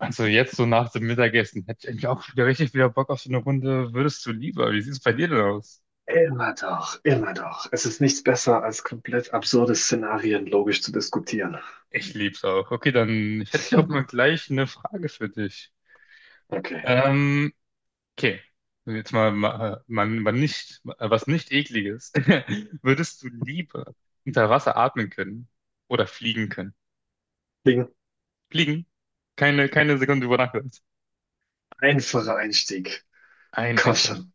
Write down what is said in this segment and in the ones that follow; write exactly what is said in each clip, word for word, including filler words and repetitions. Also jetzt so nach dem Mittagessen hätte ich eigentlich auch wieder richtig wieder Bock auf so eine Runde. Würdest du lieber? Wie sieht es bei dir denn aus? Immer doch, immer doch. Es ist nichts besser, als komplett absurde Szenarien logisch zu diskutieren. Ich lieb's auch. Okay, dann hätte ich auch Hm. mal gleich eine Frage für dich. Okay. Ähm, okay. Jetzt mal, mal, mal, mal nicht, was nicht Ekliges. Würdest du lieber unter Wasser atmen können oder fliegen können? Ding, Fliegen? Keine, keine Sekunde über Nacht. einfacher Einstieg. Ein, Komm einfach. schon.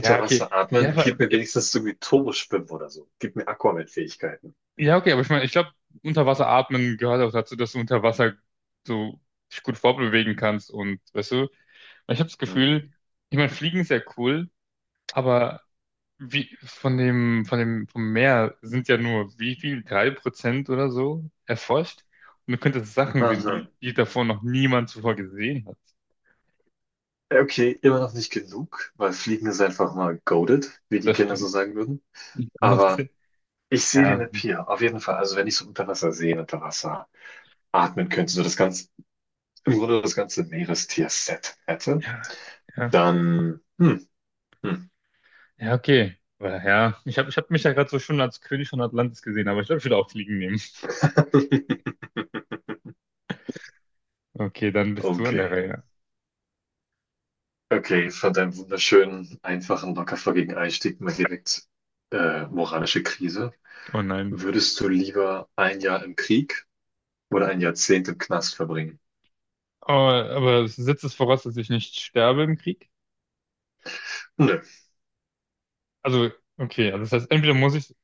Ja, okay. Wasser Ja, atmen, gib aber mir ja, wenigstens so wie Turboschwimmen oder so. Gib mir Aquaman-Fähigkeiten. ja, okay, aber ich meine, ich glaube, Unterwasser atmen gehört auch dazu, dass du unter Wasser so dich gut vorbewegen kannst und weißt du, weil ich habe das Gefühl, Hm. ich meine, Fliegen ist ja cool, aber wie von dem, von dem, vom Meer sind ja nur wie viel, drei Prozent oder so erforscht. Und du könntest Sachen sehen, Aha. die, die davor noch niemand zuvor gesehen hat. Okay, immer noch nicht genug, weil Fliegen ist einfach mal goated, wie die Das Kinder so stimmt. sagen würden. Aber ich sehe den Ja, Appeal, auf jeden Fall. Also wenn ich so unter Wasser sehen, unter Wasser atmen könnte, so das ganze, im Grunde das ganze Meerestier-Set hätte, ja, ja, Dann, hm, hm. ja, okay. Aber ja, ich habe ich hab mich ja gerade so schon als König von Atlantis gesehen, aber ich glaube, ich würde auch Fliegen nehmen. Okay, dann bist du an der Okay. Reihe. Okay, von deinem wunderschönen, einfachen, locker flockigen Einstieg mal direkt äh, moralische Krise. Oh nein. Würdest du lieber ein Jahr im Krieg oder ein Jahrzehnt im Knast verbringen? Oh, aber es setzt es voraus, dass ich nicht sterbe im Krieg? Nö. Also, okay, also das heißt, entweder muss ich,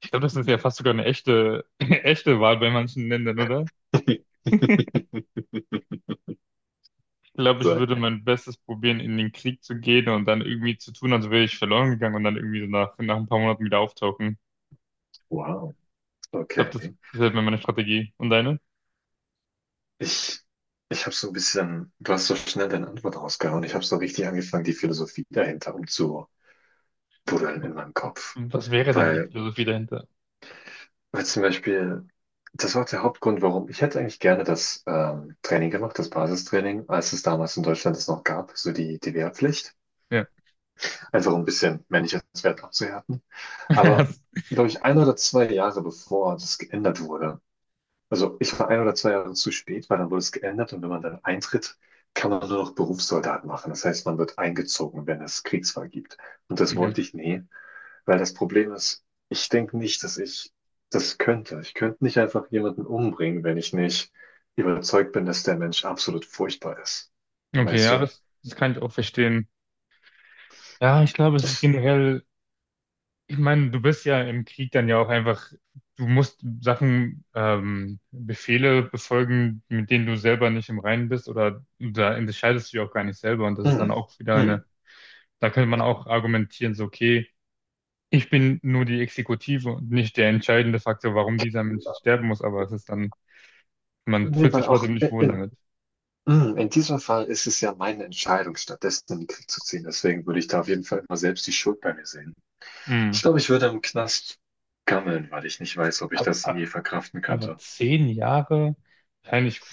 ich glaube, das ist ja fast sogar eine echte, eine echte Wahl bei manchen Ländern, oder? Ich glaube, So ich ein würde Jahr. mein Bestes probieren, in den Krieg zu gehen und dann irgendwie zu tun, als wäre ich verloren gegangen und dann irgendwie so nach, nach ein paar Monaten wieder auftauchen. Wow. Ich glaube, Okay. das wäre meine Strategie. Und deine? Ich, ich habe so ein bisschen, du hast so schnell deine Antwort rausgehauen. Ich habe so richtig angefangen, die Philosophie dahinter umzubuddeln in meinem Kopf. Was wäre denn die Weil Philosophie dahinter? Weil zum Beispiel, das war auch der Hauptgrund, warum ich hätte eigentlich gerne das ähm, Training gemacht, das Basistraining, als es damals in Deutschland es noch gab, so die, die Wehrpflicht, Ja. einfach um ein bisschen männliches Wert abzuhärten. Aber, glaube ich, ein oder zwei Jahre bevor das geändert wurde, also ich war ein oder zwei Jahre zu spät, weil dann wurde es geändert und wenn man dann eintritt, kann man nur noch Berufssoldat machen. Das heißt, man wird eingezogen, wenn es Kriegsfall gibt. Und das Okay, wollte ich nie. Weil das Problem ist, ich denke nicht, dass ich das könnte. Ich könnte nicht einfach jemanden umbringen, wenn ich nicht überzeugt bin, dass der Mensch absolut furchtbar ist. okay, Weißt ja, du? das, das kann ich auch verstehen. Ja, ich glaube, es ist Ich, generell. Ich meine, du bist ja im Krieg dann ja auch einfach, du musst Sachen, ähm, Befehle befolgen, mit denen du selber nicht im Reinen bist, oder da entscheidest du ja auch gar nicht selber und das ist dann mm, auch wieder eine, mm. da könnte man auch argumentieren, so, okay, ich bin nur die Exekutive und nicht der entscheidende Faktor, warum dieser Mensch jetzt sterben muss, aber es ist dann, man Nee, fühlt weil sich auch trotzdem nicht in, wohl in, damit. mm, in diesem Fall ist es ja meine Entscheidung, stattdessen in den Krieg zu ziehen. Deswegen würde ich da auf jeden Fall immer selbst die Schuld bei mir sehen. Hm. Ich glaube, ich würde im Knast gammeln, weil ich nicht weiß, ob ich Ab- das je ab- verkraften Aber könnte. zehn Jahre, wahrscheinlich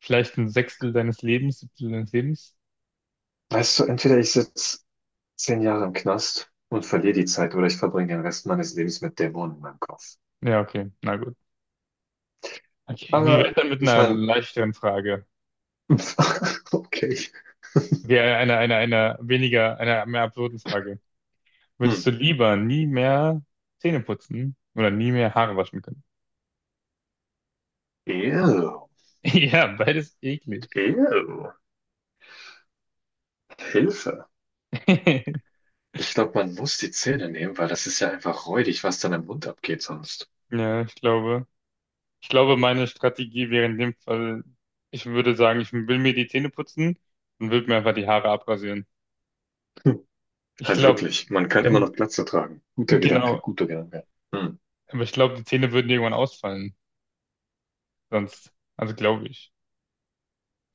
vielleicht ein Sechstel deines Lebens, Siebtel deines Lebens. Weißt du, entweder ich sitze zehn Jahre im Knast und verliere die Zeit oder ich verbringe den Rest meines Lebens mit Dämonen in meinem Kopf. Ja, okay, na, okay, wie wär's Aber dann mit ich einer meine, leichteren Frage? okay. Okay, einer, einer, einer weniger, einer mehr absurden Frage. Hm. Würdest du lieber nie mehr Zähne putzen oder nie mehr Haare waschen können? Ew, Ja, beides eklig. ew, Hilfe. Ich glaube, man muss die Zähne nehmen, weil das ist ja einfach räudig, was dann im Mund abgeht sonst. Ja, ich glaube, ich glaube, meine Strategie wäre in dem Fall, ich würde sagen, ich will mir die Zähne putzen und würde mir einfach die Haare abrasieren. Hm. Ich Halt glaube, wirklich, man kann immer noch Glatze tragen. Guter genau, Gedanke, guter Gedanke. Hm. aber ich glaube, die Zähne würden irgendwann ausfallen. Sonst, also glaube ich.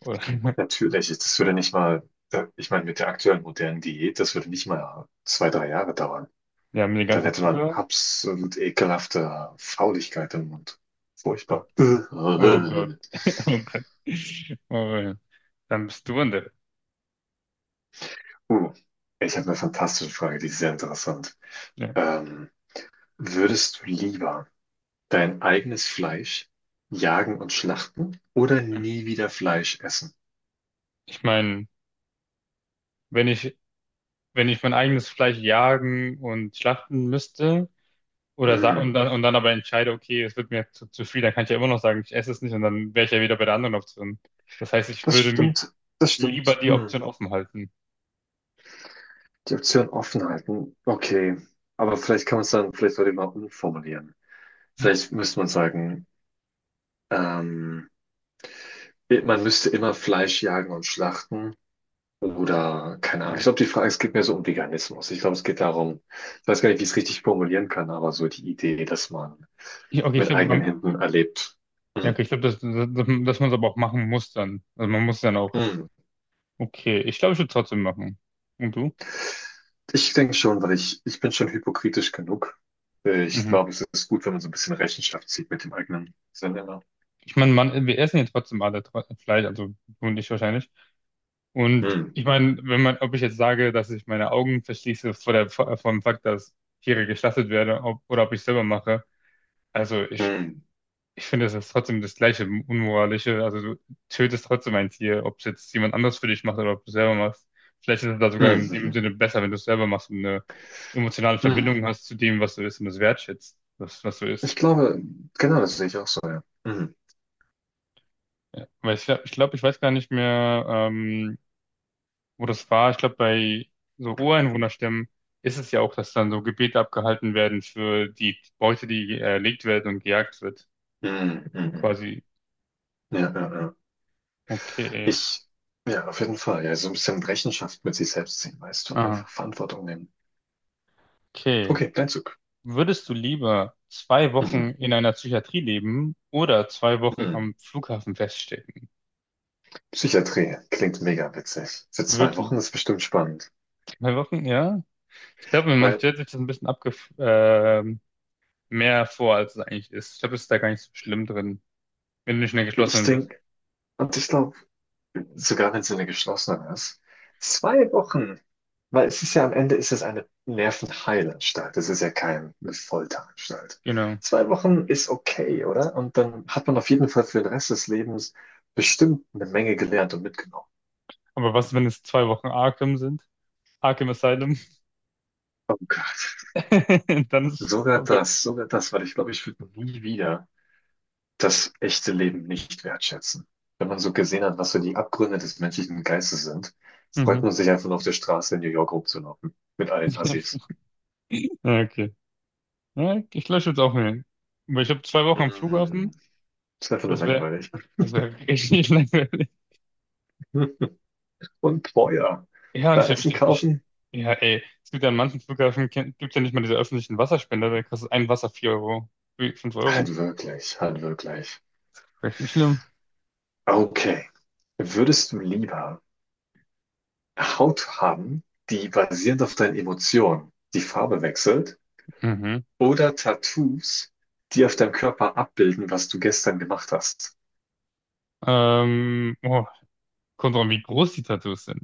Oder, Natürlich, das würde nicht mal, äh, ich meine, mit der aktuellen modernen Diät, das würde nicht mal zwei, drei Jahre dauern. ja, mit dem Dann ganzen hätte man Zucker. absolut ekelhafte Fauligkeit im Mund. Furchtbar. Oh Gott. Oh Gott. Oh, ja. Dann bist du an der. Uh, ich habe eine fantastische Frage, die ist sehr interessant. Ja. Ähm, würdest du lieber dein eigenes Fleisch jagen und schlachten oder nie wieder Fleisch essen? Ich meine, wenn ich, wenn ich mein eigenes Fleisch jagen und schlachten müsste oder sa- und Mhm. dann, und dann aber entscheide, okay, es wird mir zu, zu viel, dann kann ich ja immer noch sagen, ich esse es nicht und dann wäre ich ja wieder bei der anderen Option. Das heißt, ich Das würde mir stimmt, das lieber stimmt. die Mhm. Option offen halten. Die Option offen halten, okay. Aber vielleicht kann man es dann, vielleicht sollte man umformulieren. Vielleicht müsste man sagen, ähm, man müsste immer Fleisch jagen und schlachten. Oder, keine Ahnung. Ich glaube, die Frage, es geht mehr so um Veganismus. Ich glaube, es geht darum, ich weiß gar nicht, wie ich es richtig formulieren kann, aber so die Idee, dass man Ich, okay, ich mit glaube, eigenen man, Händen erlebt. ja, Hm, okay, ich glaube, dass, dass, dass man es aber auch machen muss dann. Also man muss dann auch, hm. okay, ich glaube, ich würde trotzdem machen. Und du? Ich denke schon, weil ich, ich bin schon hypokritisch genug. Äh, Ich Mhm. glaube, es ist gut, wenn man so ein bisschen Rechenschaft zieht mit dem eigenen Sinn immer. Ich meine, man, wir essen ja trotzdem alle tro- Fleisch, also du und ich wahrscheinlich. Und Hm, ich meine, wenn man, ob ich jetzt sage, dass ich meine Augen verschließe vor der, vor vor dem Fakt, dass Tiere geschlachtet werden, ob, oder ob ich selber mache, also ich, hm, ich finde, das ist trotzdem das gleiche Unmoralische. Also du tötest trotzdem ein Tier, ob es jetzt jemand anders für dich macht oder ob du selber machst. Vielleicht ist es da sogar hm, in hm, dem hm, Sinne besser, wenn du es selber machst und eine emotionale hm. Verbindung hast zu dem, was du isst und es wertschätzt, was, was du Ich isst. glaube, genau, das sehe ich auch so, ja. Hm, Ja, weil ich glaube, ich, glaub, ich weiß gar nicht mehr, ähm, wo das war, ich glaube, bei so Ureinwohnerstämmen ist es ja auch, dass dann so Gebete abgehalten werden für die Beute, die erlegt werden und gejagt wird. hm, hm, hm, hm. Quasi. Ja, ja, ja. Okay. Ich, ja, auf jeden Fall. Ja, so ein bisschen Rechenschaft mit sich selbst ziehen, weißt du? Ah, Einfach Verantwortung nehmen. okay. Okay, dein Zug. Würdest du lieber zwei Wochen Mhm. in einer Psychiatrie leben oder zwei Wochen Mhm. am Flughafen feststecken? Psychiatrie klingt mega witzig. Für zwei Wirklich? Wochen ist bestimmt spannend. Zwei Wochen, ja? Ich glaube, man Weil stellt sich das ein bisschen abge ähm, mehr vor, als es eigentlich ist. Ich glaube, es ist da gar nicht so schlimm drin, wenn du nicht in der ich geschlossenen bist. denke, und ich glaube, sogar wenn es eine geschlossene ist, zwei Wochen. Weil es ist ja am Ende ist es eine Nervenheilanstalt. Es ist ja keine Folteranstalt. Genau. Zwei Wochen ist okay, oder? Und dann hat man auf jeden Fall für den Rest des Lebens bestimmt eine Menge gelernt und mitgenommen. Aber was, wenn es zwei Wochen Arkham sind? Arkham Asylum. Dann ist es Sogar vorbei. das, sogar das, weil ich glaube, ich würde nie wieder das echte Leben nicht wertschätzen. Wenn man so gesehen hat, was so die Abgründe des menschlichen Geistes sind, freut Mhm. man sich einfach nur auf der Straße in New York rumzulaufen. Mit allen Assis. Ja, okay. Ja, ich lösche jetzt auch mal. Weil ich habe zwei Wochen am Flughafen. Mm, ist einfach nur Das wäre langweilig. das wär richtig langweilig. Und teuer. Ja, und ich, Da hab- ich, Essen denk, ich, kaufen? ja, ey. Es gibt ja an manchen Flughafen, gibt es ja nicht mal diese öffentlichen Wasserspender. Da kostet ein Wasser vier Euro, fünf Euro. Halt wirklich, halt wirklich. Richtig schlimm. Okay. Würdest du lieber Haut haben, die basierend auf deinen Emotionen die Farbe wechselt? Mhm. Oder Tattoos, die auf deinem Körper abbilden, was du gestern gemacht hast. Ähm, oh, kommt drauf an, wie groß die Tattoos sind.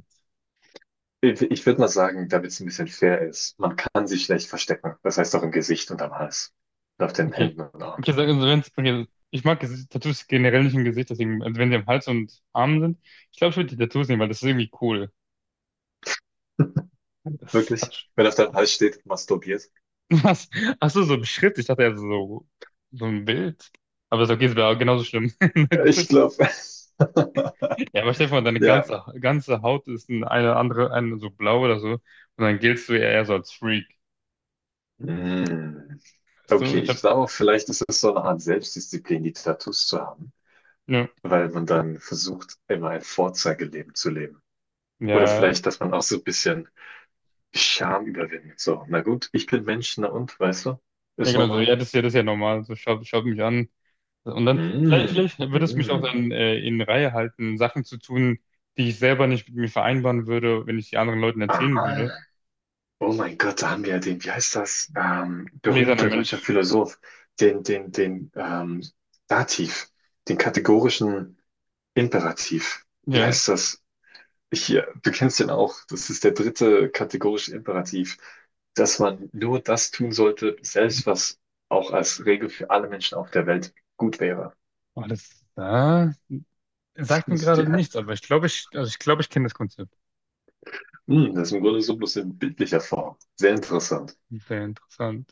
Ich, ich würde mal sagen, damit es ein bisschen fair ist, man kann sich schlecht verstecken. Das heißt auch im Gesicht und am Hals. Und auf den Okay. Händen und Armen. Okay, sag- also wenn's, okay, also ich mag Gesi- Tattoos generell nicht im Gesicht, deswegen, also wenn sie am Hals und Armen sind, ich glaube, ich würde die Tattoos nehmen, weil das ist irgendwie cool. Das Wirklich? hat Wenn auf deinem Hals steht, masturbiert. was. Ach so, so ein Schritt. Ich dachte ja so, so ein Bild. Aber ist okay, es wäre genauso schlimm. Na Ich gut. glaube, Ja, aber stell dir vor, deine ja. ganze, ganze Haut ist ein- eine andere, eine so blau oder so. Und dann giltst du ja eher so als Freak. Hm. Weißt du? Okay, Ich ich hab, glaube, vielleicht ist es so eine Art Selbstdisziplin, die Tattoos zu haben, ja, weil man dann versucht, immer ein Vorzeigeleben zu leben. Oder ja, vielleicht, dass man auch so ein bisschen Scham überwinden. So, na gut, ich bin Mensch, na und, weißt du? ja, Ist genau so. normal. Ja, das ist ja, das ist ja normal. So, schau, schau mich an. Und dann, vielleicht, Mm, vielleicht würde es mich auch mm. dann äh, in Reihe halten, Sachen zu tun, die ich selber nicht mit mir vereinbaren würde, wenn ich die anderen Leuten erzählen Ah, würde. oh mein Gott, da haben wir ja den, wie heißt das? Ähm, Gläserner berühmter deutscher Mensch. Philosoph, den, den, den ähm, Dativ, den kategorischen Imperativ. Wie Ja. heißt das? Hier, du kennst den auch. Das ist der dritte kategorische Imperativ, dass man nur das tun sollte, selbst was auch als Regel für alle Menschen auf der Welt gut wäre. Alles da. Sagt mir gerade Die nichts, aber ich glaube, ich, also ich glaube, ich kenne das Konzept. Hm, das ist im Grunde so bloß in bildlicher Form. Sehr interessant. Sehr interessant.